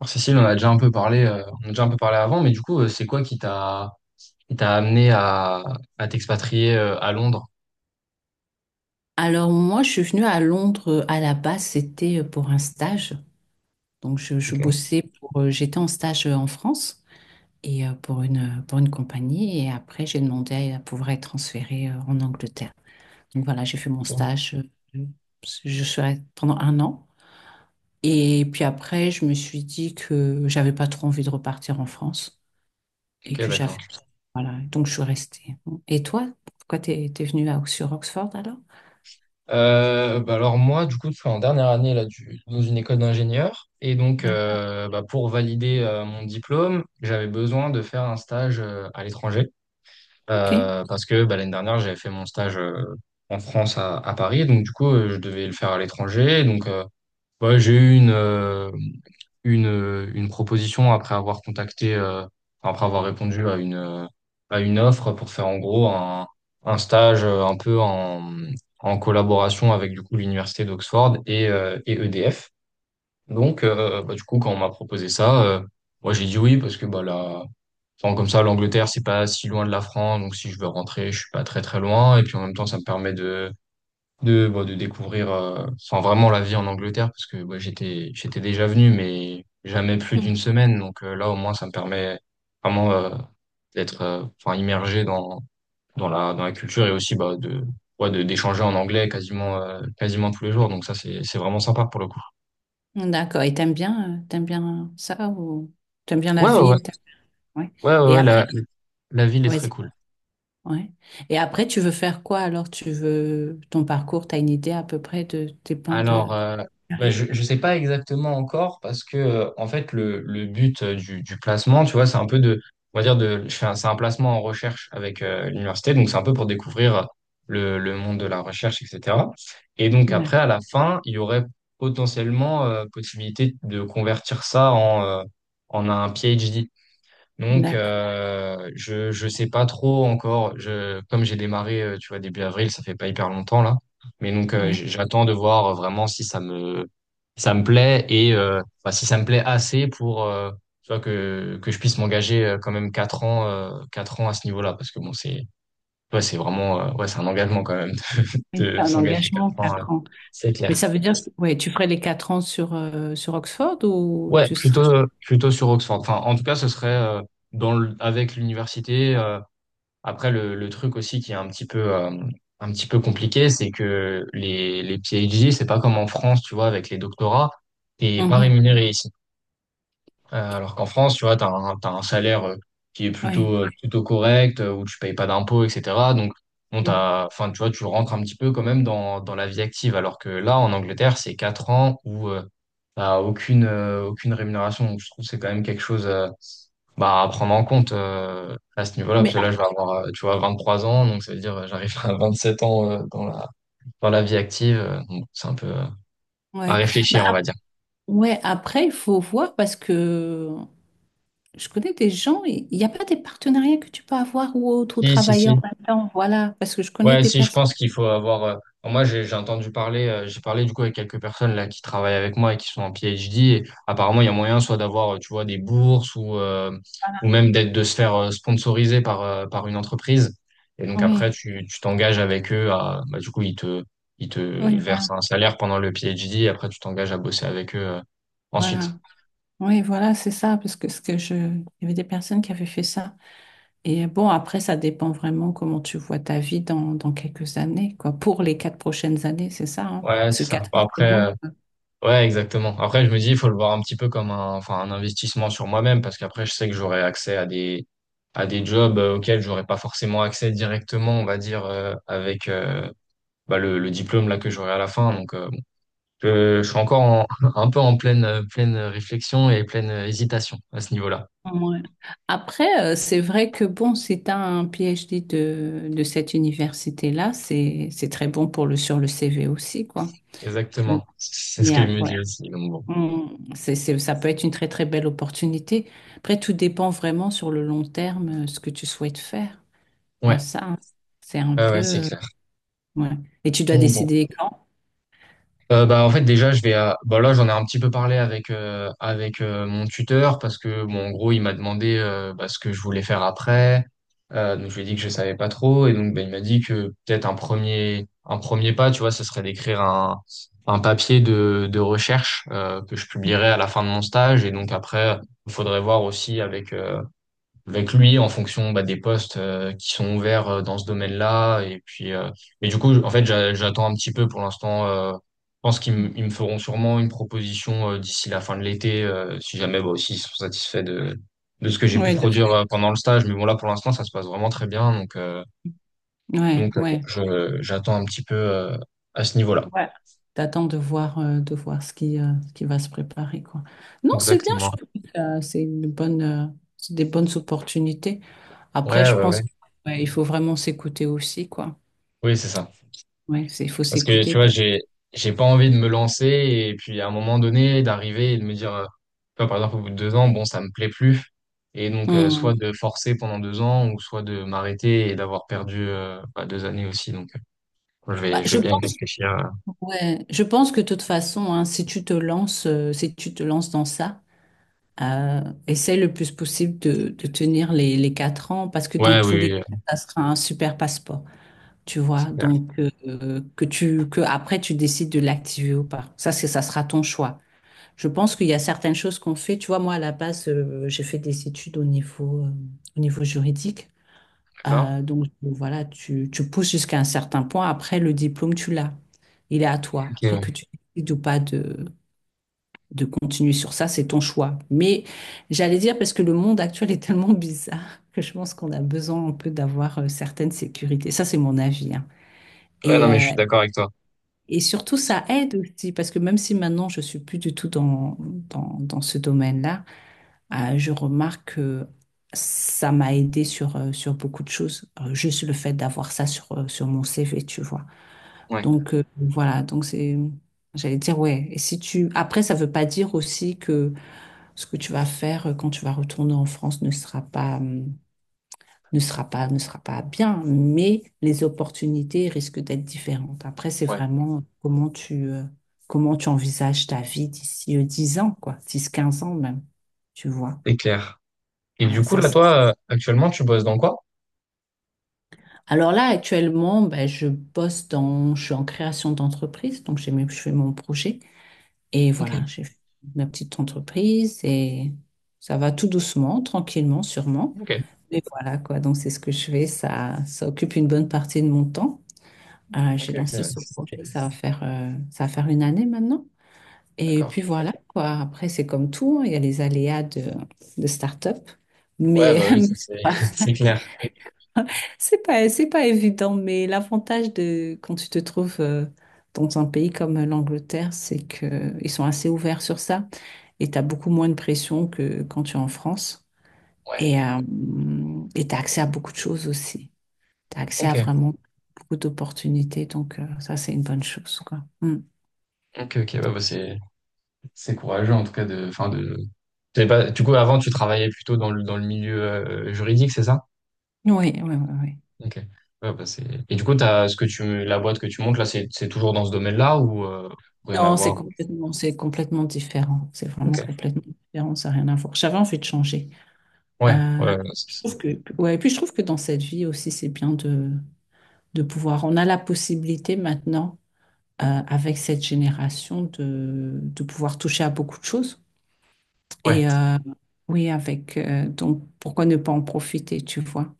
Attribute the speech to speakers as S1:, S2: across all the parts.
S1: Alors, Cécile, on en a déjà un peu parlé, on a déjà un peu parlé avant, mais du coup, c'est quoi qui t'a amené à t'expatrier à Londres?
S2: Alors moi, je suis venue à Londres, à la base, c'était pour un stage. Donc je
S1: Ok,
S2: bossais pour, j'étais en stage, en France et, pour une compagnie et après j'ai demandé à pouvoir être transférée, en Angleterre. Donc voilà, j'ai fait mon
S1: bon.
S2: stage. euh, Je serai pendant un an et puis après, je me suis dit que j'avais pas trop envie de repartir en France et
S1: Ok,
S2: que
S1: d'accord.
S2: j'avais, voilà, donc je suis restée. Et toi, pourquoi t'es venue à, sur Oxford alors?
S1: Bah alors moi, du coup, je suis en dernière année là, dans une école d'ingénieur. Et donc,
S2: D'accord.
S1: bah, pour valider mon diplôme, j'avais besoin de faire un stage à l'étranger.
S2: Ok.
S1: Parce que bah, l'année dernière, j'avais fait mon stage en France à Paris. Donc, du coup, je devais le faire à l'étranger. Donc, ouais, j'ai eu une proposition après avoir contacté, enfin, après avoir répondu à une offre pour faire en gros un stage un peu en, en collaboration avec du coup l'université d'Oxford et EDF. Donc, bah, du coup, quand on m'a proposé ça, moi j'ai dit oui parce que bah, là, enfin, comme ça, l'Angleterre, c'est pas si loin de la France, donc si je veux rentrer, je suis pas très très loin. Et puis en même temps, ça me permet de bah, de découvrir enfin, vraiment la vie en Angleterre, parce que ouais, j'étais déjà venu, mais jamais plus d'une semaine. Donc là, au moins, ça me permet vraiment d'être enfin, immergé dans, dans la culture et aussi bah, de, ouais, de, d'échanger en anglais quasiment, quasiment tous les jours. Donc ça, c'est vraiment sympa pour le coup.
S2: D'accord. Et t'aimes bien ça ou t'aimes bien la
S1: Ouais, ouais, ouais.
S2: ville? Ouais.
S1: Ouais, ouais,
S2: Et
S1: ouais,
S2: après,
S1: la ville est très
S2: vas-y.
S1: cool.
S2: Ouais. Et après, tu veux faire quoi alors? Tu veux ton parcours, t'as une idée à peu près de tes plans de
S1: Alors, bah,
S2: carrière?
S1: je ne sais pas exactement encore parce que, en fait, le but du placement, tu vois, c'est un peu de, on va dire, de, c'est un placement en recherche avec l'université, donc c'est un peu pour découvrir le monde de la recherche, etc. Et donc, après,
S2: D'ac-
S1: à la fin, il y aurait potentiellement possibilité de convertir ça en, en un PhD. Donc,
S2: D'accord.
S1: je sais pas trop encore. Je comme j'ai démarré, tu vois, début avril, ça fait pas hyper longtemps là. Mais donc,
S2: Oui.
S1: j'attends de voir vraiment si ça me plaît et enfin, si ça me plaît assez pour tu vois que je puisse m'engager quand même quatre ans à ce niveau-là parce que bon c'est ouais c'est vraiment ouais c'est un engagement quand même
S2: Et
S1: de
S2: c'est un
S1: s'engager quatre
S2: engagement,
S1: ans
S2: 4 ans.
S1: c'est
S2: Mais
S1: clair.
S2: ça veut dire que, ouais, tu ferais les 4 ans sur Oxford ou
S1: Ouais,
S2: tu serais.
S1: plutôt sur Oxford. Enfin, en tout cas, ce serait dans le, avec l'université. Après, le truc aussi qui est un petit peu compliqué, c'est que les PhD, c'est pas comme en France, tu vois, avec les doctorats, t'es pas
S2: Mhm.
S1: rémunéré ici. Alors qu'en France, tu vois, t'as un salaire qui est
S2: Ouais.
S1: plutôt, plutôt correct, où tu payes pas d'impôts, etc. Donc, bon,
S2: Ouais.
S1: t'as, enfin, tu vois, tu rentres un petit peu quand même dans, dans la vie active. Alors que là, en Angleterre, c'est 4 ans où t'as aucune, aucune rémunération. Donc, je trouve que c'est quand même quelque chose. Bah, à prendre en compte à ce niveau-là, parce
S2: Mais
S1: que là,
S2: ah,
S1: je vais avoir, tu vois, 23 ans, donc ça veut dire j'arrive à 27 ans dans la vie active. Donc c'est un peu à
S2: ouais. Bah,
S1: réfléchir, on va dire.
S2: ouais, après, il faut voir parce que je connais des gens, et il n'y a pas des partenariats que tu peux avoir ou autre, ou travailler en
S1: Si,
S2: même temps, voilà, parce que je connais
S1: ouais,
S2: des
S1: si, je
S2: personnes.
S1: pense qu'il faut avoir. Enfin, moi, j'ai entendu parler, j'ai parlé du coup avec quelques personnes là qui travaillent avec moi et qui sont en PhD. Et apparemment, il y a moyen soit d'avoir, tu vois, des bourses ou
S2: Voilà.
S1: même d'être de se faire sponsoriser par par une entreprise. Et donc après,
S2: Oui,
S1: tu t'engages avec eux à, bah, du coup, ils te
S2: oui, voilà,
S1: versent un salaire pendant le PhD. Et après, tu t'engages à bosser avec eux ensuite.
S2: voilà. Oui, voilà, c'est ça, parce que ce que je, il y avait des personnes qui avaient fait ça. Et bon, après, ça dépend vraiment comment tu vois ta vie dans quelques années, quoi. Pour les quatre prochaines années, c'est ça, hein.
S1: Ouais,
S2: Parce que
S1: c'est ça.
S2: 4 ans, c'est
S1: Après,
S2: long, quoi.
S1: ouais, exactement. Après, je me dis, il faut le voir un petit peu comme un, enfin, un investissement sur moi-même parce qu'après, je sais que j'aurai accès à des jobs auxquels j'aurais pas forcément accès directement, on va dire, avec bah, le diplôme là que j'aurai à la fin. Donc, bon, je suis encore un peu en pleine, pleine réflexion et pleine hésitation à ce niveau-là.
S2: Ouais. Après, c'est vrai que bon, si tu as un PhD de cette université-là, c'est très bon pour le, sur le CV aussi, quoi.
S1: Exactement. C'est ce que je
S2: Bien,
S1: me dis
S2: ouais.
S1: aussi. Donc, bon.
S2: Ça peut être une très très belle opportunité. Après, tout dépend vraiment sur le long terme, ce que tu souhaites faire. Il y a
S1: Ouais,
S2: ça, hein. C'est un
S1: ouais,
S2: peu,
S1: ouais, c'est clair.
S2: ouais. Et tu dois
S1: Donc, bon.
S2: décider quand?
S1: Bah, en fait, déjà, je vais à... bah, là, j'en ai un petit peu parlé avec, avec mon tuteur parce que, bon, en gros, il m'a demandé bah, ce que je voulais faire après. Donc, je lui ai dit que je savais pas trop. Et donc, bah, il m'a dit que peut-être un premier pas, tu vois, ce serait d'écrire un papier de recherche que je publierai à la fin de mon stage. Et donc, après, il faudrait voir aussi avec, avec lui en fonction bah, des postes qui sont ouverts dans ce domaine-là. Et puis, et du coup, en fait, j'attends un petit peu pour l'instant. Je pense ils me feront sûrement une proposition d'ici la fin de l'été, si jamais bah, aussi ils sont satisfaits de ce que j'ai pu
S2: Ouais,
S1: produire pendant le stage. Mais bon, là, pour l'instant, ça se passe vraiment très bien.
S2: ouais,
S1: Donc bon,
S2: ouais.
S1: je, j'attends un petit peu à ce niveau-là.
S2: Ouais. T'attends de voir ce qui va se préparer, quoi. Non, c'est bien, je
S1: Exactement.
S2: trouve que, c'est une bonne, c'est des bonnes opportunités. Après,
S1: Ouais,
S2: je
S1: ouais, ouais.
S2: pense qu'il faut vraiment s'écouter aussi, quoi.
S1: Oui, c'est ça.
S2: Ouais, c'est, il faut
S1: Parce que tu
S2: s'écouter.
S1: vois, j'ai pas envie de me lancer et puis à un moment donné d'arriver et de me dire, tu vois, par exemple au bout de deux ans, bon, ça me plaît plus. Et donc soit
S2: Hmm.
S1: de forcer pendant deux ans ou soit de m'arrêter et d'avoir perdu bah, deux années aussi. Donc
S2: Bah,
S1: je vais
S2: je
S1: bien y
S2: pense.
S1: réfléchir.
S2: Ouais, je pense que de toute façon, hein, si tu te lances, si tu te lances dans ça, euh, essaie le plus possible de tenir les 4 ans parce que dans
S1: Ouais, oui,
S2: tous les
S1: oui,
S2: cas, ça sera un super passeport, tu vois.
S1: c'est clair.
S2: Donc, que tu, que après tu décides de l'activer ou pas. Ça sera ton choix. Je pense qu'il y a certaines choses qu'on fait. Tu vois, moi à la base, j'ai fait des études au niveau juridique.
S1: D'accord.
S2: Donc voilà, tu pousses jusqu'à un certain point. Après, le diplôme, tu l'as. Il est à toi.
S1: Ok,
S2: Après
S1: ouais.
S2: que tu décides ou pas de continuer sur ça, c'est ton choix. Mais j'allais dire, parce que le monde actuel est tellement bizarre que je pense qu'on a besoin un peu d'avoir, certaines sécurités. Ça, c'est mon avis, hein.
S1: Ouais,
S2: Et,
S1: non, mais je
S2: euh,
S1: suis d'accord avec toi.
S2: et surtout, ça aide aussi, parce que même si maintenant, je suis plus du tout dans ce domaine-là, je remarque que ça m'a aidé sur beaucoup de choses. Juste le fait d'avoir ça sur mon CV, tu vois.
S1: Ouais,
S2: Donc, voilà, donc c'est, j'allais dire, ouais. Et si tu, après, ça veut pas dire aussi que ce que tu vas faire, quand tu vas retourner en France ne sera pas, ne sera pas, ne sera pas bien, mais les opportunités risquent d'être différentes. Après, c'est
S1: ouais,
S2: vraiment comment tu envisages ta vie d'ici, 10 ans, quoi, 10 15 ans même, tu vois.
S1: c'est clair. Et
S2: Voilà,
S1: du coup,
S2: ça,
S1: là, toi, actuellement, tu bosses dans quoi?
S2: alors là, actuellement, ben, je bosse dans, je suis en création d'entreprise, donc je fais mon projet. Et
S1: Ok,
S2: voilà, j'ai fait ma petite entreprise et ça va tout doucement, tranquillement, sûrement.
S1: ok,
S2: Mais voilà, quoi. Donc c'est ce que je fais. Ça occupe une bonne partie de mon temps.
S1: ok,
S2: J'ai
S1: ok.
S2: lancé ce projet. Ça va faire une année maintenant. Et
S1: D'accord.
S2: puis voilà, quoi. Après, c'est comme tout, hein. Il y a les aléas de start-up.
S1: Ouais,
S2: Mais,
S1: bah oui, ça, c'est c'est clair.
S2: C'est pas évident, mais l'avantage de quand tu te trouves, dans un pays comme l'Angleterre, c'est que ils sont assez ouverts sur ça et tu as beaucoup moins de pression que quand tu es en France.
S1: Ouais.
S2: Et euh, et tu as accès à beaucoup de choses aussi. Tu as accès à
S1: Ok,
S2: vraiment beaucoup d'opportunités, donc, ça, c'est une bonne chose, quoi. Mm.
S1: ok, ok, ouais, c'est courageux en tout cas de, enfin de. T'avais pas- Du coup, avant, tu travaillais plutôt dans le milieu juridique, c'est ça?
S2: Oui, oui, oui, oui.
S1: Ok. Ouais, et du coup, t'as ce que tu la boîte que tu montes là, c'est toujours dans ce domaine-là ou rien à
S2: Non,
S1: voir?
S2: c'est complètement différent. C'est vraiment
S1: Ok.
S2: complètement différent, ça n'a rien à voir. J'avais envie de changer.
S1: Ouais,
S2: Euh,
S1: ouais,
S2: Je trouve que, ouais, et puis je trouve que dans cette vie aussi, c'est bien de pouvoir. On a la possibilité maintenant, avec cette génération, de pouvoir toucher à beaucoup de choses.
S1: ouais,
S2: Et oui, avec, donc, pourquoi ne pas en profiter, tu vois?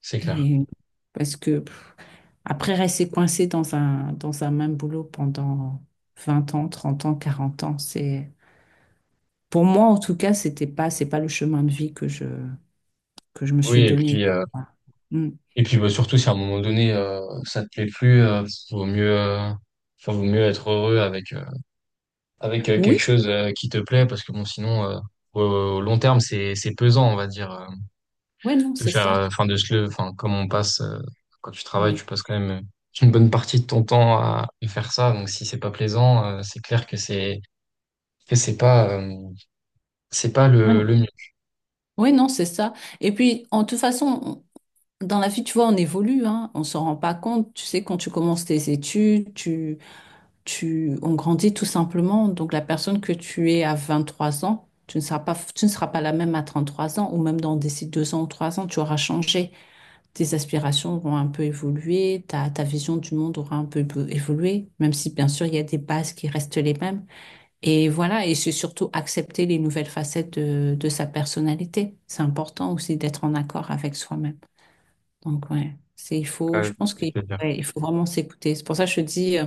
S1: c'est clair.
S2: Et parce que pff, après, rester coincé dans un même boulot pendant 20 ans, 30 ans, 40 ans, c'est. Pour moi, en tout cas, c'était pas, c'est pas le chemin de vie que je, me
S1: Oui,
S2: suis donné. Voilà. Mm.
S1: et puis bah, surtout si à un moment donné ça te plaît plus, vaut mieux enfin, vaut mieux être heureux avec avec quelque
S2: Oui,
S1: chose qui te plaît parce que bon sinon au, au long terme c'est pesant on va dire.
S2: ouais, non,
S1: De
S2: c'est
S1: faire,
S2: ça.
S1: enfin, enfin, comme on passe, quand tu travailles,
S2: Ouais.
S1: tu passes quand même une bonne partie de ton temps à faire ça. Donc, si c'est pas plaisant, c'est clair que c'est pas
S2: Oui,
S1: le mieux.
S2: oui, non, c'est ça. Et puis, en toute façon, dans la vie, tu vois, on évolue, hein, on s'en rend pas compte. Tu sais, quand tu commences tes études, on grandit tout simplement. Donc, la personne que tu es à 23 ans, tu ne seras pas la même à 33 ans, ou même dans d'ici 2 ans ou 3 ans, tu auras changé. Tes aspirations auront un peu évolué, ta vision du monde aura un peu évolué, même si, bien sûr, il y a des bases qui restent les mêmes. Et voilà, et c'est surtout accepter les nouvelles facettes de sa personnalité. C'est important aussi d'être en accord avec soi-même. Donc, ouais, c'est il faut,
S1: Ouais,
S2: je
S1: je vois
S2: pense
S1: ce que
S2: qu'il,
S1: tu veux dire.
S2: ouais, il faut vraiment s'écouter. C'est pour ça que je te dis,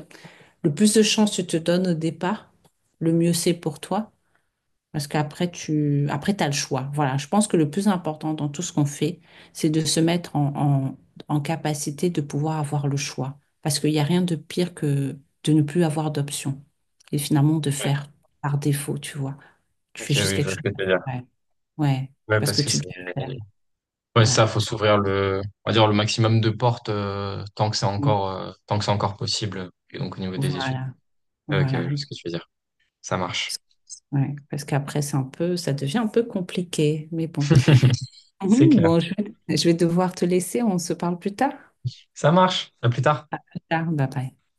S2: le plus de chance tu te donnes au départ, le mieux c'est pour toi. Parce qu'après, tu après, t'as le choix. Voilà, je pense que le plus important dans tout ce qu'on fait, c'est de se mettre en capacité de pouvoir avoir le choix. Parce qu'il n'y a rien de pire que de ne plus avoir d'option. Et finalement, de
S1: Ouais.
S2: faire par défaut, tu vois. Tu
S1: Ok,
S2: fais juste
S1: oui, je
S2: quelque
S1: vois
S2: chose.
S1: ce que tu veux dire.
S2: Ouais, ouais.
S1: Ouais,
S2: Parce
S1: parce
S2: que
S1: que
S2: tu dois le faire.
S1: ouais,
S2: Voilà.
S1: ça, faut s'ouvrir le, on va dire le maximum de portes, tant que c'est
S2: Mm.
S1: encore, tant que c'est encore possible. Et donc, au niveau des études.
S2: Voilà.
S1: Ok, ouais, je
S2: Voilà.
S1: vois ce que tu veux dire. Ça marche.
S2: Ouais. Parce qu'après, c'est un peu, ça devient un peu compliqué. Mais bon.
S1: C'est
S2: Mhm.
S1: clair.
S2: Bon, je vais devoir te laisser. On se parle plus tard.
S1: Ça marche. À plus tard.
S2: Plus tard. Bye bye.